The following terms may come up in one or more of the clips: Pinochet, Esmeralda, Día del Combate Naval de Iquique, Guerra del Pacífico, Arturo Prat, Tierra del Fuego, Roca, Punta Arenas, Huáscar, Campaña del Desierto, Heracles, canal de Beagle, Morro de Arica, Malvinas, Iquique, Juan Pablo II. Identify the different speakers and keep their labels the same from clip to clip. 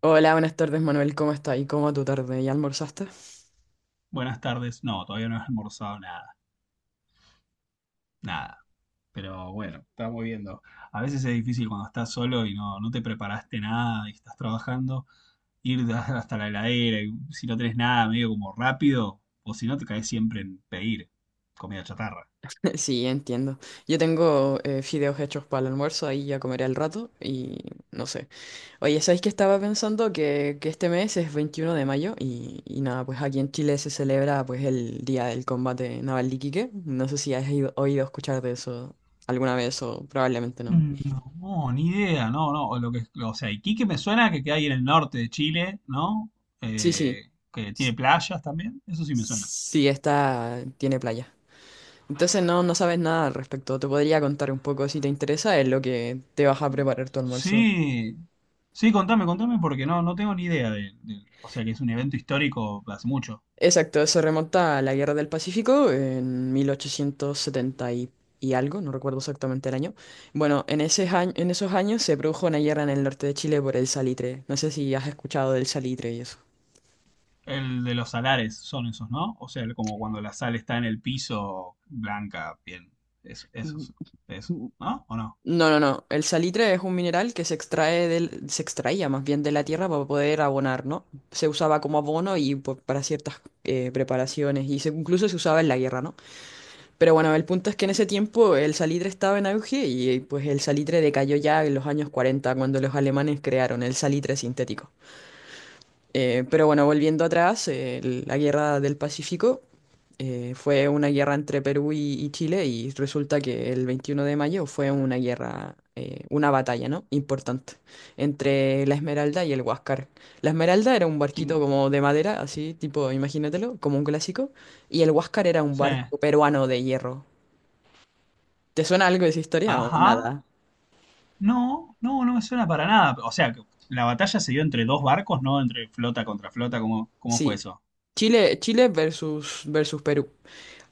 Speaker 1: Hola, buenas tardes Manuel, ¿cómo estás? ¿Y cómo va tu tarde? ¿Ya almorzaste?
Speaker 2: Buenas tardes. No, todavía no he almorzado nada. Pero bueno, estamos viendo. A veces es difícil cuando estás solo y no te preparaste nada y estás trabajando, hasta la heladera y si no tenés nada, medio como rápido, o si no te caes siempre en pedir comida chatarra.
Speaker 1: Sí, entiendo. Yo tengo fideos hechos para el almuerzo, ahí ya comeré al rato y no sé. Oye, ¿sabéis que estaba pensando que este mes es 21 de mayo y nada, pues aquí en Chile se celebra pues el Día del Combate Naval de Iquique? No sé si has oído escuchar de eso alguna vez, o probablemente no.
Speaker 2: Mm, no, ni idea, no. O sea, Iquique me suena que queda ahí en el norte de Chile, ¿no?
Speaker 1: Sí, sí.
Speaker 2: Que tiene
Speaker 1: S-
Speaker 2: playas también, eso sí me suena.
Speaker 1: Sí, esta tiene playa. Entonces no, no sabes nada al respecto. Te podría contar un poco si te interesa, es lo que te vas a preparar tu almuerzo.
Speaker 2: Sí, sí, contame, contame, porque no tengo ni idea o sea, que es un evento histórico hace mucho.
Speaker 1: Exacto, eso remonta a la Guerra del Pacífico en 1870 y algo, no recuerdo exactamente el año. Bueno, en ese año, en esos años se produjo una guerra en el norte de Chile por el salitre. No sé si has escuchado del salitre y eso.
Speaker 2: El de los salares son esos, ¿no? O sea, el- como cuando la sal está en el piso, blanca, bien. Eso, eso, ¿no? ¿O no?
Speaker 1: No, no, no. El salitre es un mineral que se extrae se extraía más bien de la tierra para poder abonar, ¿no? Se usaba como abono y pues, para ciertas preparaciones y se, incluso se usaba en la guerra, ¿no? Pero bueno, el punto es que en ese tiempo el salitre estaba en auge y pues el salitre decayó ya en los años 40, cuando los alemanes crearon el salitre sintético. Pero bueno, volviendo atrás, la Guerra del Pacífico fue una guerra entre Perú y Chile, y resulta que el 21 de mayo fue una guerra, una batalla, ¿no?, importante, entre la Esmeralda y el Huáscar. La Esmeralda era un barquito
Speaker 2: ¿Quién?
Speaker 1: como de madera, así, tipo, imagínatelo, como un clásico, y el Huáscar era un
Speaker 2: Sí.
Speaker 1: barco peruano de hierro. ¿Te suena algo de esa historia o
Speaker 2: Ajá.
Speaker 1: nada?
Speaker 2: No, no, no me suena para nada. O sea, que la batalla se dio entre dos barcos, ¿no? Entre flota contra flota, ¿cómo, cómo fue
Speaker 1: Sí.
Speaker 2: eso?
Speaker 1: Chile, Chile versus Perú.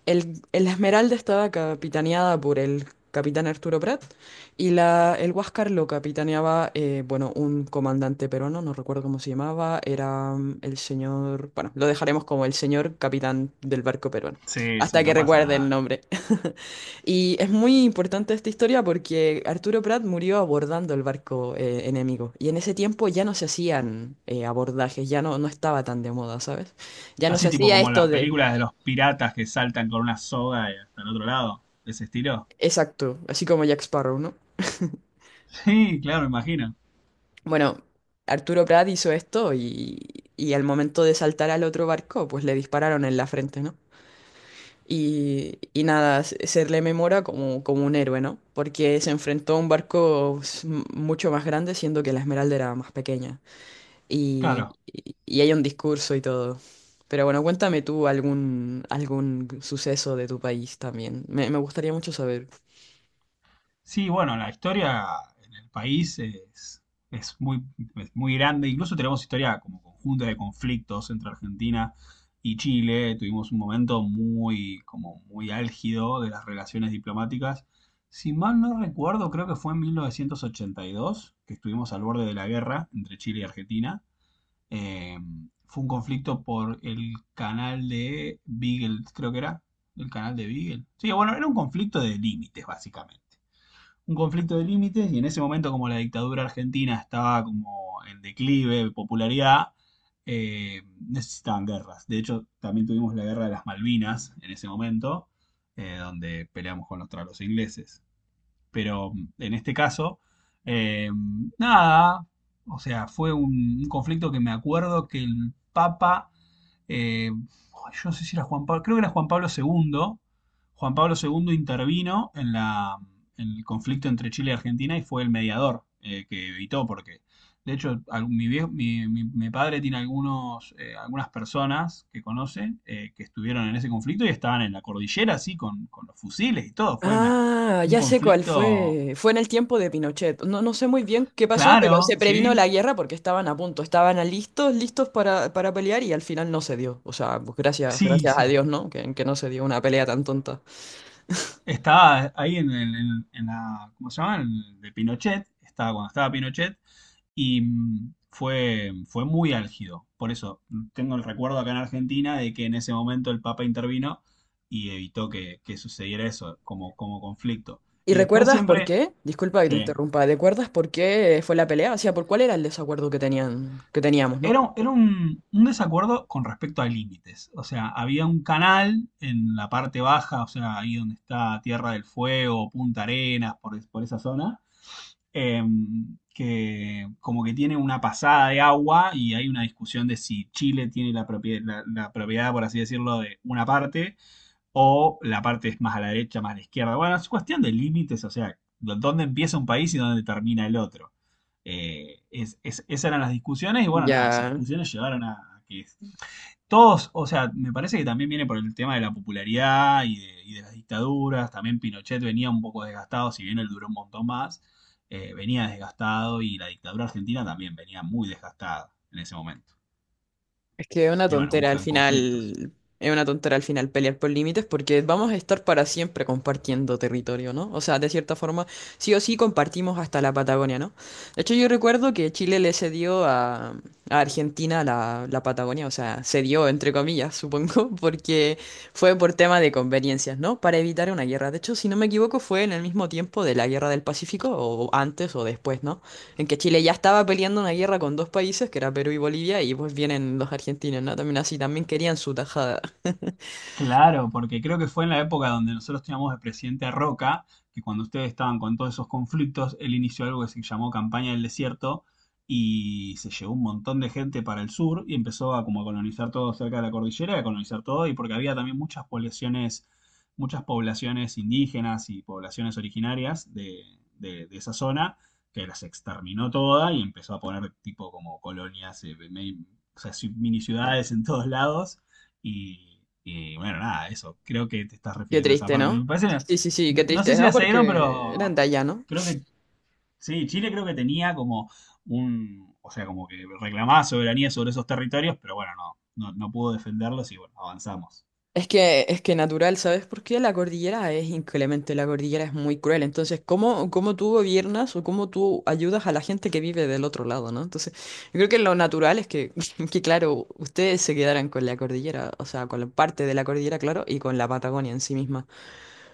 Speaker 1: El Esmeralda estaba capitaneada por el capitán Arturo Prat, y el Huáscar lo capitaneaba, bueno, un comandante peruano, no recuerdo cómo se llamaba, era el señor, bueno, lo dejaremos como el señor capitán del barco peruano,
Speaker 2: Sí, sí,
Speaker 1: hasta que
Speaker 2: no pasa
Speaker 1: recuerde el
Speaker 2: nada.
Speaker 1: nombre. Y es muy importante esta historia porque Arturo Prat murió abordando el barco enemigo, y en ese tiempo ya no se hacían abordajes, ya no, no estaba tan de moda, ¿sabes? Ya no se
Speaker 2: Así tipo
Speaker 1: hacía
Speaker 2: como
Speaker 1: esto
Speaker 2: las
Speaker 1: de…
Speaker 2: películas de los piratas que saltan con una soga y hasta el otro lado. Ese estilo.
Speaker 1: Exacto, así como Jack Sparrow, ¿no?
Speaker 2: Sí, claro, imagino.
Speaker 1: Bueno, Arturo Prat hizo esto y al momento de saltar al otro barco, pues le dispararon en la frente, ¿no? Y nada, se le memora como, como un héroe, ¿no? Porque se enfrentó a un barco mucho más grande, siendo que la Esmeralda era más pequeña. Y,
Speaker 2: Claro.
Speaker 1: y- y hay un discurso y todo. Pero bueno, cuéntame tú algún, algún suceso de tu país también. Me gustaría mucho saber.
Speaker 2: Sí, bueno, la historia en el país es muy, es muy grande. Incluso tenemos historia como conjunta de conflictos entre Argentina y Chile. Tuvimos un momento muy, como muy álgido de las relaciones diplomáticas. Si mal no recuerdo, creo que fue en 1982 que estuvimos al borde de la guerra entre Chile y Argentina. Eh, Fue un conflicto por el canal de Beagle, creo que era. El canal de Beagle. Sí, bueno, era un conflicto de límites, básicamente. Un conflicto de límites y en ese momento como la dictadura argentina estaba como en declive de popularidad, eh, necesitaban guerras. De hecho, también tuvimos la guerra de las Malvinas en ese momento, donde peleamos contra los ingleses pero en este caso, eh, nada, o sea, fue un conflicto que me acuerdo que el Papa eh, yo no sé si era Juan Pablo, creo que era Juan Pablo II. Juan Pablo II intervino en el conflicto entre Chile y Argentina y fue el mediador, que evitó, porque de hecho al- mi, vie- mi- mi padre tiene algunos, algunas personas que conoce que estuvieron en ese conflicto y estaban en la cordillera, así, con los fusiles y todo.
Speaker 1: Ah,
Speaker 2: Un
Speaker 1: ya sé cuál
Speaker 2: conflicto,
Speaker 1: fue. Fue en el tiempo de Pinochet. No, no sé muy bien qué pasó, pero
Speaker 2: claro,
Speaker 1: se previno
Speaker 2: ¿sí?
Speaker 1: la guerra porque estaban a punto, estaban a listos, listos para pelear, y al final no se dio. O sea, pues gracias,
Speaker 2: Sí,
Speaker 1: gracias a
Speaker 2: sí.
Speaker 1: Dios, ¿no?, que no se dio una pelea tan tonta.
Speaker 2: Estaba ahí en la, ¿cómo se llama? En el de Pinochet, estaba cuando estaba Pinochet y mm, fue muy álgido. Por eso mm, tengo el recuerdo acá en Argentina de que en ese momento el Papa intervino y evitó que sucediera eso como, como conflicto.
Speaker 1: ¿Y
Speaker 2: Y después
Speaker 1: recuerdas por
Speaker 2: siempre,
Speaker 1: qué? Disculpa que te
Speaker 2: sí,
Speaker 1: interrumpa. ¿Recuerdas por qué fue la pelea? O sea, ¿por cuál era el desacuerdo que tenían, que teníamos, ¿no?
Speaker 2: era un desacuerdo con respecto a límites. O sea, había un canal en la parte baja, o sea, ahí donde está Tierra del Fuego, Punta Arenas, por esa zona, eh, que como que tiene una pasada de agua y hay una discusión de si Chile tiene la propiedad, la propiedad, por así decirlo, de una parte o la parte es más a la derecha, más a la izquierda. Bueno, es cuestión de límites, o sea, dónde empieza un país y dónde termina el otro. Esas eran las discusiones y bueno, nada, esas
Speaker 1: Ya.
Speaker 2: discusiones llevaron a que todos, o sea, me parece que también viene por el tema de la popularidad y de las dictaduras. También Pinochet venía un poco desgastado, si bien él duró un montón más, venía desgastado y la dictadura argentina también venía muy desgastada en ese momento.
Speaker 1: Es que es una
Speaker 2: Y bueno,
Speaker 1: tontera al
Speaker 2: buscan conflictos.
Speaker 1: final, es una tontera al final pelear por límites, porque vamos a estar para siempre compartiendo territorio, ¿no? O sea, de cierta forma, sí o sí compartimos hasta la Patagonia, ¿no? De hecho, yo recuerdo que Chile le cedió a Argentina la, la Patagonia, o sea, cedió entre comillas, supongo, porque fue por tema de conveniencias, ¿no? Para evitar una guerra. De hecho, si no me equivoco, fue en el mismo tiempo de la Guerra del Pacífico, o antes o después, ¿no? En que Chile ya estaba peleando una guerra con dos países, que era Perú y Bolivia, y pues vienen los argentinos, ¿no? También así, también querían su tajada.
Speaker 2: Claro, porque creo que fue en la época donde nosotros teníamos de presidente a Roca, que cuando ustedes estaban con todos esos conflictos, él inició algo que se llamó Campaña del Desierto y se llevó un montón de gente para el sur y empezó a como a colonizar todo cerca de la cordillera, a colonizar todo y porque había también muchas poblaciones indígenas y poblaciones originarias de, de esa zona que las exterminó toda y empezó a poner tipo como colonias, o sea, mini ciudades en todos lados. Y bueno, nada, eso. Creo que te estás
Speaker 1: Qué
Speaker 2: refiriendo a esa
Speaker 1: triste,
Speaker 2: parte.
Speaker 1: ¿no?
Speaker 2: Me parece,
Speaker 1: Sí, sí, sí, qué
Speaker 2: no, no sé
Speaker 1: triste,
Speaker 2: si
Speaker 1: ¿no?
Speaker 2: la seguieron,
Speaker 1: Porque eran
Speaker 2: pero
Speaker 1: de allá, ¿no?
Speaker 2: creo que sí, Chile creo que tenía como un, o sea, como que reclamaba soberanía sobre esos territorios, pero bueno, no, no, no pudo defenderlos y bueno, avanzamos.
Speaker 1: Es que natural, ¿sabes? Porque la cordillera es inclemente, la cordillera es muy cruel. Entonces, ¿cómo, cómo tú gobiernas o cómo tú ayudas a la gente que vive del otro lado, ¿no? Entonces, yo creo que lo natural es que, que claro, ustedes se quedaran con la cordillera, o sea, con la parte de la cordillera, claro, y con la Patagonia en sí misma.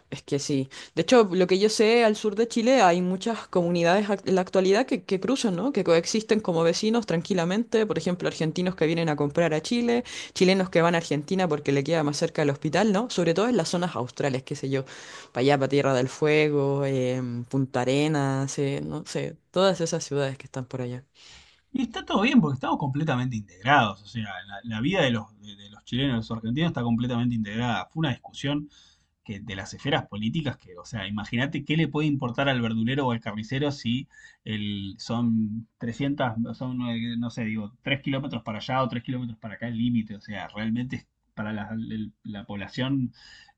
Speaker 1: Es que sí. De hecho, lo que yo sé, al sur de Chile hay muchas comunidades en la actualidad que cruzan, ¿no?, que coexisten como vecinos tranquilamente. Por ejemplo, argentinos que vienen a comprar a Chile, chilenos que van a Argentina porque le queda más cerca el hospital, ¿no? Sobre todo en las zonas australes, qué sé yo, para allá, para Tierra del Fuego, Punta Arenas, no sé, todas esas ciudades que están por allá.
Speaker 2: Y está todo bien porque estamos completamente integrados, o sea, la vida de los chilenos, de los argentinos está completamente integrada. Fue una discusión que de las esferas políticas que, o sea, imagínate qué le puede importar al verdulero o al carnicero si el, son 300, son, no sé, digo, 3 kilómetros para allá o 3 kilómetros para acá el límite, o sea, para la población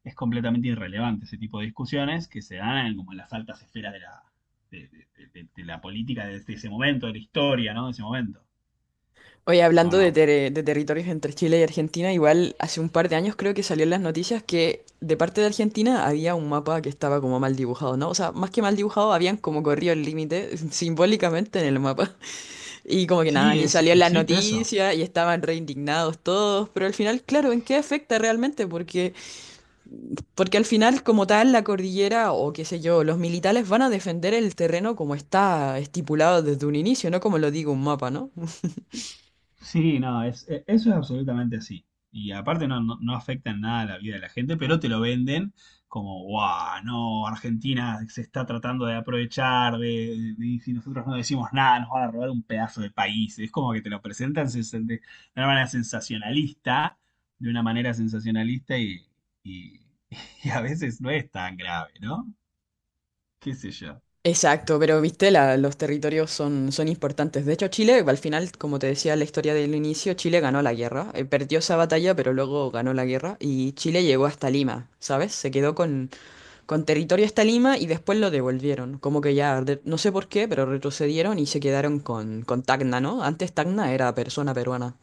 Speaker 2: es completamente irrelevante ese tipo de discusiones que se dan en, como en las altas esferas de la política de ese momento, de la historia, ¿no? De ese momento.
Speaker 1: Oye,
Speaker 2: ¿O
Speaker 1: hablando de,
Speaker 2: no?
Speaker 1: de territorios entre Chile y Argentina, igual hace un par de años creo que salió en las noticias que de parte de Argentina había un mapa que estaba como mal dibujado, ¿no? O sea, más que mal dibujado, habían como corrido el límite simbólicamente en el mapa. Y como que nada,
Speaker 2: Sí,
Speaker 1: aquí
Speaker 2: es,
Speaker 1: salió en las
Speaker 2: existe eso.
Speaker 1: noticias y estaban re indignados todos, pero al final, claro, ¿en qué afecta realmente? Porque al final, como tal, la cordillera o qué sé yo, los militares van a defender el terreno como está estipulado desde un inicio, no como lo digo un mapa, ¿no?
Speaker 2: Sí, no, es, eso es absolutamente así. Y aparte no, no, no afecta en nada la vida de la gente, pero te lo venden como, guau, no, Argentina se está tratando de aprovechar, y si nosotros no decimos nada, nos van a robar un pedazo de país. Es como que te lo presentan de una manera sensacionalista, de una manera sensacionalista y, y a veces no es tan grave, ¿no? ¿Qué sé yo?
Speaker 1: Exacto, pero viste, los territorios son, son importantes. De hecho, Chile, al final, como te decía la historia del inicio, Chile ganó la guerra. Perdió esa batalla, pero luego ganó la guerra y Chile llegó hasta Lima, ¿sabes? Se quedó con territorio hasta Lima, y después lo devolvieron. Como que ya, no sé por qué, pero retrocedieron y se quedaron con Tacna, ¿no? Antes Tacna era persona peruana.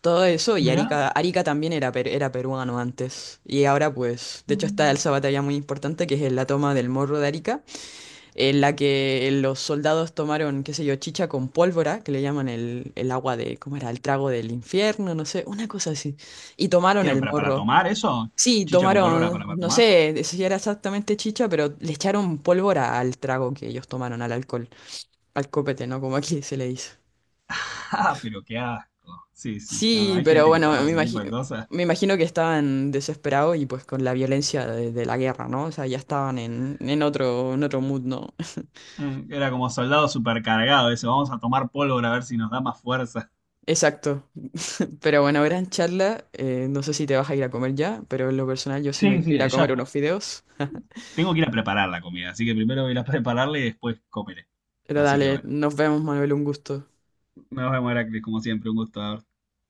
Speaker 1: Todo eso y
Speaker 2: Mirá,
Speaker 1: Arica, Arica también era, era peruano antes. Y ahora pues, de hecho, está
Speaker 2: mm,
Speaker 1: esa batalla muy importante que es la toma del Morro de Arica, en la que los soldados tomaron, qué sé yo, chicha con pólvora, que le llaman el agua de, ¿cómo era?, el trago del infierno, no sé, una cosa así. Y tomaron
Speaker 2: ¿qué,
Speaker 1: el
Speaker 2: para
Speaker 1: morro.
Speaker 2: tomar eso?
Speaker 1: Sí,
Speaker 2: ¿Chicha con pólvora
Speaker 1: tomaron,
Speaker 2: para
Speaker 1: no
Speaker 2: tomar?
Speaker 1: sé si era exactamente chicha, pero le echaron pólvora al trago que ellos tomaron, al alcohol, al copete, ¿no?, como aquí se le dice.
Speaker 2: Ah, pero qué asco. Sí, sí. No, no,
Speaker 1: Sí,
Speaker 2: hay
Speaker 1: pero
Speaker 2: gente que
Speaker 1: bueno,
Speaker 2: toma ese tipo de cosas.
Speaker 1: me imagino que estaban desesperados y pues con la violencia de la guerra, ¿no? O sea, ya estaban en otro mood, ¿no?
Speaker 2: Era como soldado supercargado eso. Vamos a tomar pólvora a ver si nos da más fuerza.
Speaker 1: Exacto. Pero bueno, gran charla. No sé si te vas a ir a comer ya, pero en lo personal yo sí me
Speaker 2: Sí,
Speaker 1: quiero
Speaker 2: sí,
Speaker 1: ir a comer
Speaker 2: ya
Speaker 1: unos fideos.
Speaker 2: tengo que ir a preparar la comida. Así que primero voy a ir a prepararla y después comeré.
Speaker 1: Pero
Speaker 2: Así que
Speaker 1: dale,
Speaker 2: bueno.
Speaker 1: nos vemos, Manuel, un gusto.
Speaker 2: Nos vemos, Heracles, como siempre. Un gusto haber